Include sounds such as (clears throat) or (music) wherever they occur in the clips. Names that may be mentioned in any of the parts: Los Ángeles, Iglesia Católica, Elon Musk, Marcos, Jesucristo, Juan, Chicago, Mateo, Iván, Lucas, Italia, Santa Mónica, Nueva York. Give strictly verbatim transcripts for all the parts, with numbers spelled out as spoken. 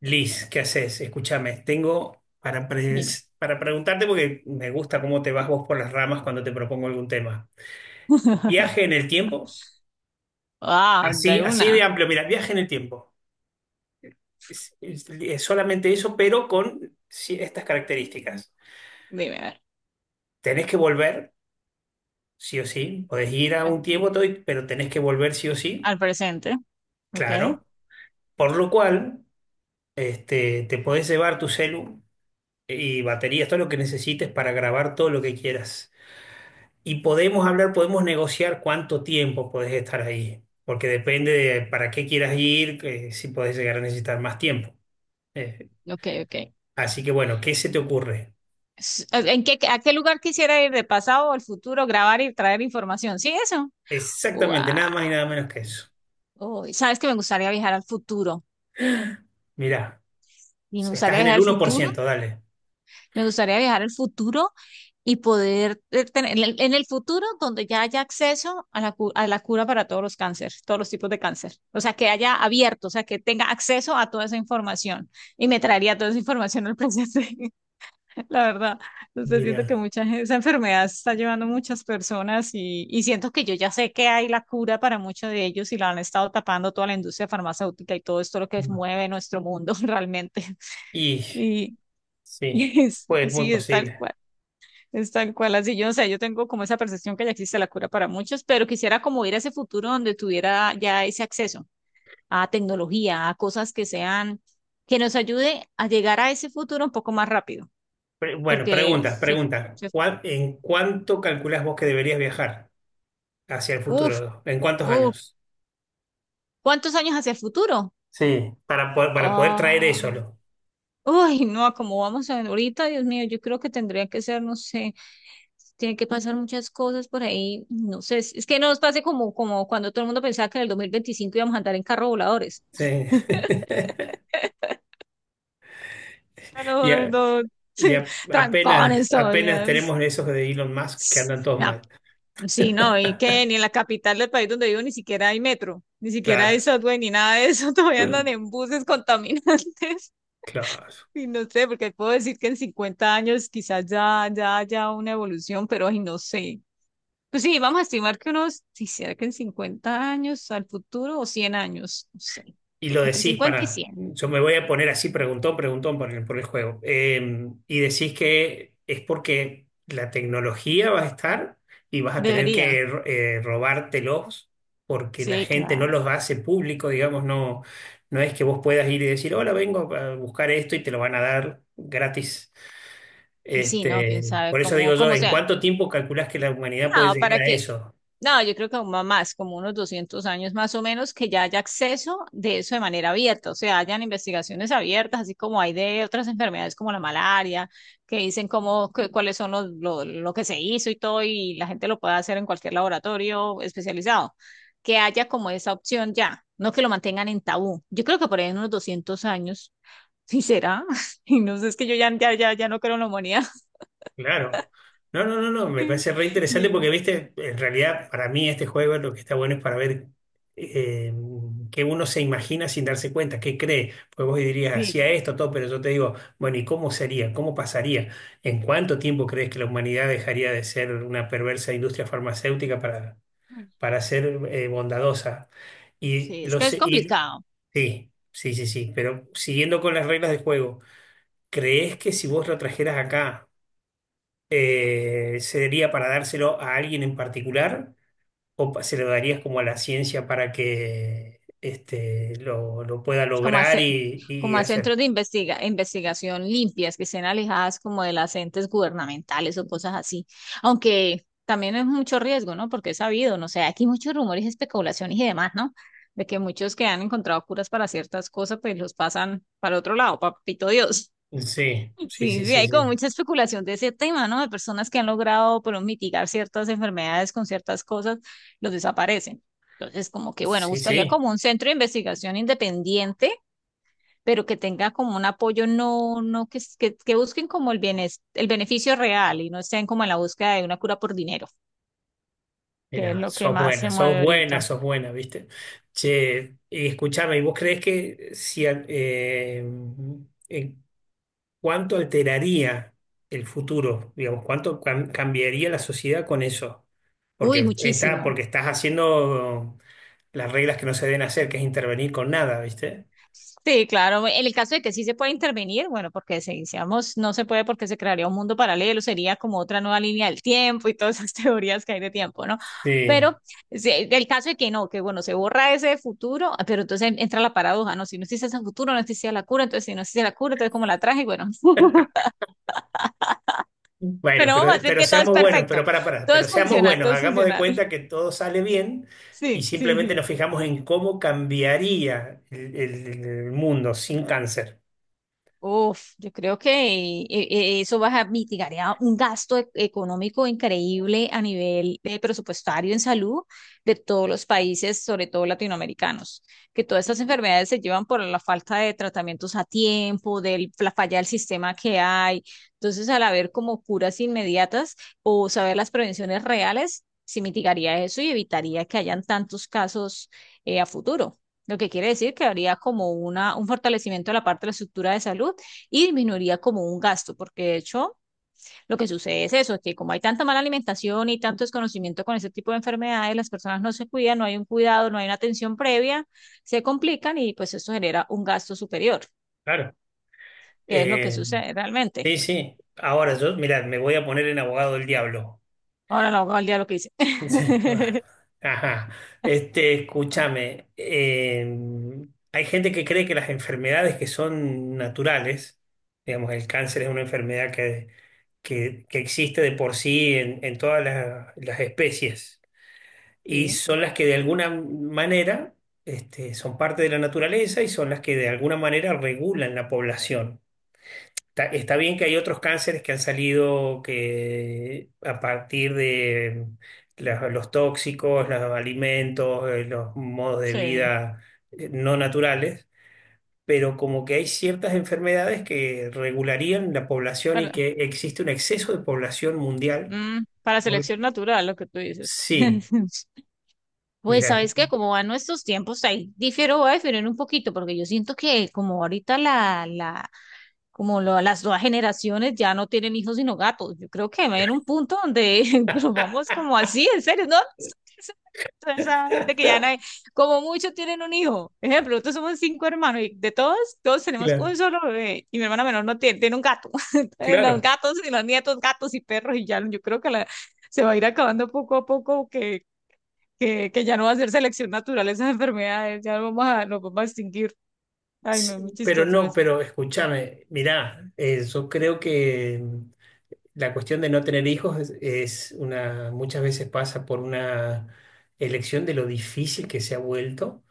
Liz, ¿qué haces? Escúchame, tengo para, Dime. pres- para preguntarte porque me gusta cómo te vas vos por las ramas cuando te propongo algún tema. Viaje en (laughs) el tiempo, Ah, así, de así una. de amplio, mira, viaje en el tiempo. Es, es- es solamente eso, pero con ci- estas características. Dime, a ver. Tenés que volver, sí o sí. Podés ir a un tiempo, todo, y- pero tenés que volver sí o sí, Al presente, ¿ok? claro. Por lo cual, este, te podés llevar tu celu y baterías, todo lo que necesites para grabar todo lo que quieras. Y podemos hablar, podemos negociar cuánto tiempo podés estar ahí, porque depende de para qué quieras ir, que si podés llegar a necesitar más tiempo. Eh, Ok, ok. así que bueno, ¿qué se te ocurre? S- eh, ¿En qué, a qué lugar quisiera ir de pasado o al futuro, grabar y traer información? ¿Sí, eso? Guau. Exactamente, nada más y nada menos que eso. Uy, ¿sabes que me gustaría viajar al futuro? Mirá, Y me estás gustaría en viajar el al uno por futuro. ciento, dale. Me gustaría viajar al futuro y poder eh, tener en el, en el futuro donde ya haya acceso a la, cu- a la cura para todos los cánceres, todos los tipos de cáncer. O sea, que haya abierto, o sea, que tenga acceso a toda esa información. Y me traería toda esa información al presente, (laughs) la verdad. Entonces Mirá. siento que mucha gente, esa enfermedad se está llevando muchas personas y, y siento que yo ya sé que hay la cura para muchos de ellos y la han estado tapando toda la industria farmacéutica y todo esto lo que mueve nuestro mundo (laughs) realmente. Y Y, sí, y es- pues muy sí, es tal posible. cual. Es tal cual, así yo, no sé, yo tengo como esa percepción que ya existe la cura para muchos, pero quisiera como ir a ese futuro donde tuviera ya ese acceso a tecnología, a cosas que sean, que nos ayude a llegar a ese futuro un poco más rápido, Pre- bueno, porque, preguntas, se, preguntas. se- ¿En cuánto calculás vos que deberías viajar hacia el uf, futuro? ¿En cuántos uf, años? ¿cuántos años hacia el futuro? Sí. Para, po- para poder traer eso, Ah, ¿no? uy, no, como vamos a ver ahorita, Dios mío, yo creo que tendría que ser, no sé, tiene que pasar muchas cosas por ahí, no sé, es, es que no nos pase como, como cuando todo el mundo pensaba que en el dos mil veinticinco íbamos a andar en carro voladores. Sí. (laughs) Y, Pero a- no, (laughs) y sí, a- apenas, trancones apenas todavía. tenemos esos de Elon Musk que andan todos Ya, mal. sí, no, y que ni en la capital del país donde vivo ni siquiera hay metro, ni siquiera hay Claro, subway, ni nada de eso, (laughs) todavía andan en (clears throat) buses contaminantes. (laughs) claro. Y no sé, porque puedo decir que en cincuenta años quizás ya, ya haya una evolución, pero ay, no sé. Pues sí, vamos a estimar que unos, si será que en cincuenta años al futuro o cien años, no sé. Y lo Entre decís cincuenta y para, cien. yo me voy a poner así, preguntón, preguntón por el, por el juego. Eh, y decís que es porque la tecnología va a estar y vas a tener Debería. que eh, robártelos porque la Sí, gente no claro. los hace público, digamos, no, no es que vos puedas ir y decir, hola, vengo a buscar esto y te lo van a dar gratis. Pues sí, ¿no? Quién Este, sabe, por eso digo cómo, yo, cómo ¿en sea. cuánto tiempo calculás que la humanidad puede No, llegar para a que, eso? no, yo creo que aún va más, como unos doscientos años más o menos, que ya haya acceso de eso de manera abierta, o sea, hayan investigaciones abiertas, así como hay de otras enfermedades como la malaria, que dicen cómo, que- cuáles son los, lo, lo que se hizo y todo, y la gente lo puede hacer en cualquier laboratorio especializado, que haya como esa opción ya, no que lo mantengan en tabú. Yo creo que por ahí en unos doscientos años, sí será, (laughs) y no sé, es que yo ya, ya, ya, ya no creo en la humanidad. Claro. No, no, no, no, me (laughs) parece re interesante Y- porque, viste, en realidad para mí este juego lo que está bueno es para ver eh, qué uno se imagina sin darse cuenta, qué cree. Pues vos dirías, Sí, hacía que- esto, todo, pero yo te digo, bueno, ¿y cómo sería? ¿Cómo pasaría? ¿En cuánto tiempo crees que la humanidad dejaría de ser una perversa industria farmacéutica para, para ser eh, bondadosa? Y, Sí, es los, que es complicado, sí, sí, sí, sí, pero siguiendo con las reglas del juego, ¿crees que si vos lo trajeras acá, eh, sería para dárselo a alguien en particular o pa- se lo darías como a la ciencia para que este, lo, lo pueda es como, lograr hace, y, como y a hacer? centros de investiga, investigación limpias, que estén alejadas como de las entes gubernamentales o cosas así, aunque también es mucho riesgo, ¿no? Porque es sabido, no sé, aquí muchos rumores, especulaciones y demás, ¿no? De que muchos que han encontrado curas para ciertas cosas, pues los pasan para otro lado, papito Dios. Sí, sí, sí, Sí, sí, sí, hay sí. como mucha especulación de ese tema, ¿no? De personas que han logrado, pero mitigar ciertas enfermedades con ciertas cosas, los desaparecen. Entonces, como que, bueno, Sí, buscaría sí, como un centro de investigación independiente, pero que tenga como un apoyo, no, no, que, s- que, que busquen como el bienes- el beneficio real y no estén como en la búsqueda de una cura por dinero, que es mira, lo que sos más buena, se sos mueve buena, ahorita. sos buena, ¿viste? Che, y escúchame, ¿y vos crees que si, a- eh, en- ¿cuánto alteraría el futuro? Digamos, ¿cuánto cam- cambiaría la sociedad con eso? Uy, Porque está, muchísimo. porque estás haciendo las reglas que no se deben hacer, que es intervenir con nada, ¿viste? Sí, claro. En el caso de que sí se pueda intervenir, bueno, porque si decíamos no se puede porque se crearía un mundo paralelo, sería como otra nueva línea del tiempo y todas esas (laughs) teorías que hay de tiempo, ¿no? Sí. Pero sí, el caso de que no, que bueno, se borra ese futuro, pero entonces entra la paradoja, ¿no? Si no existe ese futuro, no existía la cura, entonces si no existe la cura, entonces ¿como la traje? Y bueno, (laughs) Bueno, pero vamos a pero, decir pero que todo es seamos buenos, pero perfecto, para, para, todo pero es seamos funcional, buenos, todo es hagamos de funcional. (laughs) cuenta que todo sale bien y Sí, sí, simplemente sí. nos fijamos en cómo cambiaría el, el- el mundo sin cáncer. Uf, yo creo que eh, eh, eso va a mitigar ya un gasto e- económico increíble a nivel eh, presupuestario en salud de todos los países, sobre todo latinoamericanos, que todas estas enfermedades se llevan por la falta de tratamientos a tiempo, de la falla del sistema que hay. Entonces, al haber como curas inmediatas o saber las prevenciones reales, se mitigaría eso y evitaría que hayan tantos casos eh, a futuro. Lo que quiere decir que habría como una, un fortalecimiento de la parte de la estructura de salud y disminuiría como un gasto, porque de hecho lo que sucede es eso, que como hay tanta mala alimentación y tanto desconocimiento con ese tipo de enfermedades, las personas no se cuidan, no hay un cuidado, no hay una atención previa, se complican y pues eso genera un gasto superior, Claro. que es lo que Eh, sucede realmente. sí, sí. Ahora yo, mirá, me voy a poner en abogado del diablo. Ahora no hago al día lo que hice. Sí, bueno. (laughs) Ajá. Este, escúchame, em, hay gente que cree que las enfermedades que son naturales, digamos, el cáncer es una enfermedad que, que, que existe de por sí en, en todas las, las especies y Sí, son las que de alguna manera, este, son parte de la naturaleza y son las que de alguna manera regulan la población. Está, está bien que hay otros cánceres que han salido que a partir de la- los tóxicos, los alimentos, eh, los modos de sí. vida eh, no naturales, pero como que hay ciertas enfermedades que regularían la población y Para, que existe un exceso de población mundial. mm, para Por- selección natural, lo que tú dices. Sí, (laughs) Pues mira, sabes que como van nuestros tiempos, ahí difiero, voy a diferir un poquito, porque yo siento que como ahorita la, la, como lo- las nuevas generaciones ya no tienen hijos sino gatos. Yo creo que va a haber un punto donde (laughs) nos vamos como así, en serio, no, (laughs) toda esa gente que ya no hay, como muchos tienen un hijo. Ejemplo, nosotros somos cinco hermanos y de todos, todos tenemos claro, un solo bebé y mi hermana menor no tiene, tiene un gato. (laughs) Entonces, los claro. gatos y los nietos, gatos y perros y ya, yo creo que la, se va a ir acabando poco a poco que que, que ya no va a ser selección natural esas (laughs) enfermedades, ya nos vamos a, nos vamos a extinguir. Ay, no, es muy Sí, pero chistoso no, eso. pero escúchame, mira, yo creo que la cuestión de no tener hijos es, es una, muchas veces pasa por una elección de lo difícil que se ha vuelto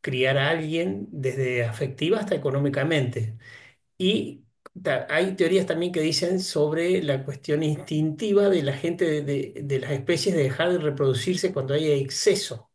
criar a alguien desde afectiva hasta económicamente. Y ta- hay teorías también que dicen sobre la cuestión instintiva de la gente, de, de- de las especies de dejar de reproducirse cuando hay exceso.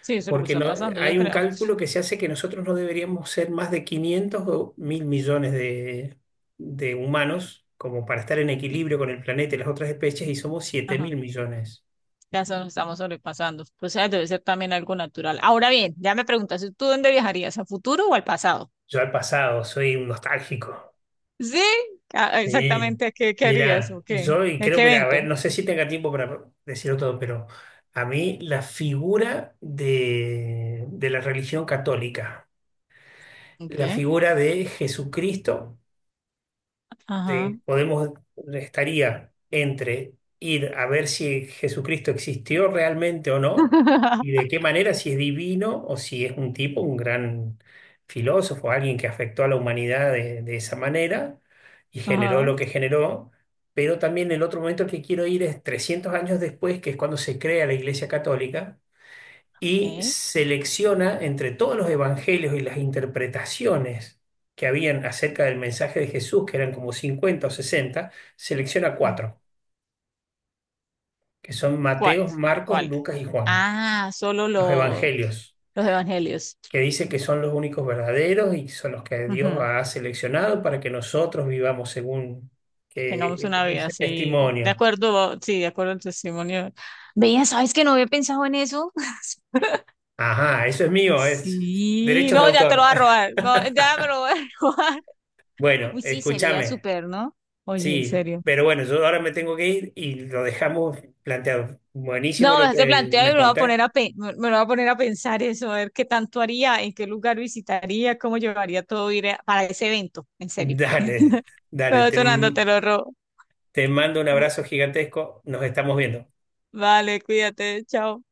Sí, eso es lo que Porque está no, pasando, yo hay un creo. cálculo que se hace que nosotros no deberíamos ser más de quinientos o mil millones de, de humanos como para estar en (laughs) equilibrio con el planeta y las otras especies y somos siete Ajá. mil millones. Ya se nos estamos sobrepasando. O sea, debe ser también algo natural. Ahora bien, ya me preguntas, ¿tú dónde viajarías? ¿Al futuro o al pasado? Yo al pasado soy un nostálgico. Sí, ah, Sí. exactamente. ¿Qué, qué harías Mira, o qué? yo y ¿A creo, qué mira, a ver, evento? no sé si tenga tiempo para decirlo todo, pero a mí la figura de, de la religión católica, la Ok. figura de Jesucristo Ajá. te- podemos, estaría entre ir a ver si Jesucristo existió realmente o no, y de (laughs) qué manera, si es divino o si es un tipo, un gran filósofo, alguien que afectó a la humanidad de, de esa manera y generó Ajá. lo que generó. Pero también el otro momento que quiero ir es trescientos años después, que es cuando se crea la Iglesia Católica y ¿Qué? selecciona entre todos los evangelios y las interpretaciones que habían acerca del mensaje de Jesús, que eran como cincuenta o sesenta, selecciona Eh, cuatro, que son ¿Cuál? Mateo, Marcos, ¿Cuál? Lucas y Juan, Ah, solo los lo- evangelios, los evangelios. que dice que son los únicos verdaderos y son los que Dios Ujú. ha seleccionado para que nosotros vivamos según Tengamos eh, una vida ese así, de testimonio. acuerdo, sí, de acuerdo al testimonio. Veía, ¿sabes que no había pensado en eso? (laughs) Ajá, eso es mío, es Sí, derechos de no, ya te lo autor. voy a robar, no, ya (laughs) me lo voy a (laughs) robar. Bueno, Uy, sí, sería escúchame. súper, ¿no? Oye, en Sí, serio. pero bueno, yo ahora me tengo que ir y lo dejamos planteado. Buenísimo No, me lo hace que plantear y me me lo voy a poner contaste. a, pe- me me lo voy a poner a pensar eso, a ver qué tanto haría, en qué lugar visitaría, cómo llevaría todo ir a- para ese evento, en (laughs) serio. Dale, (laughs) dale, Pero te, sonando, te lo robo. te mando un abrazo gigantesco. Nos estamos viendo. Vale, cuídate, chao.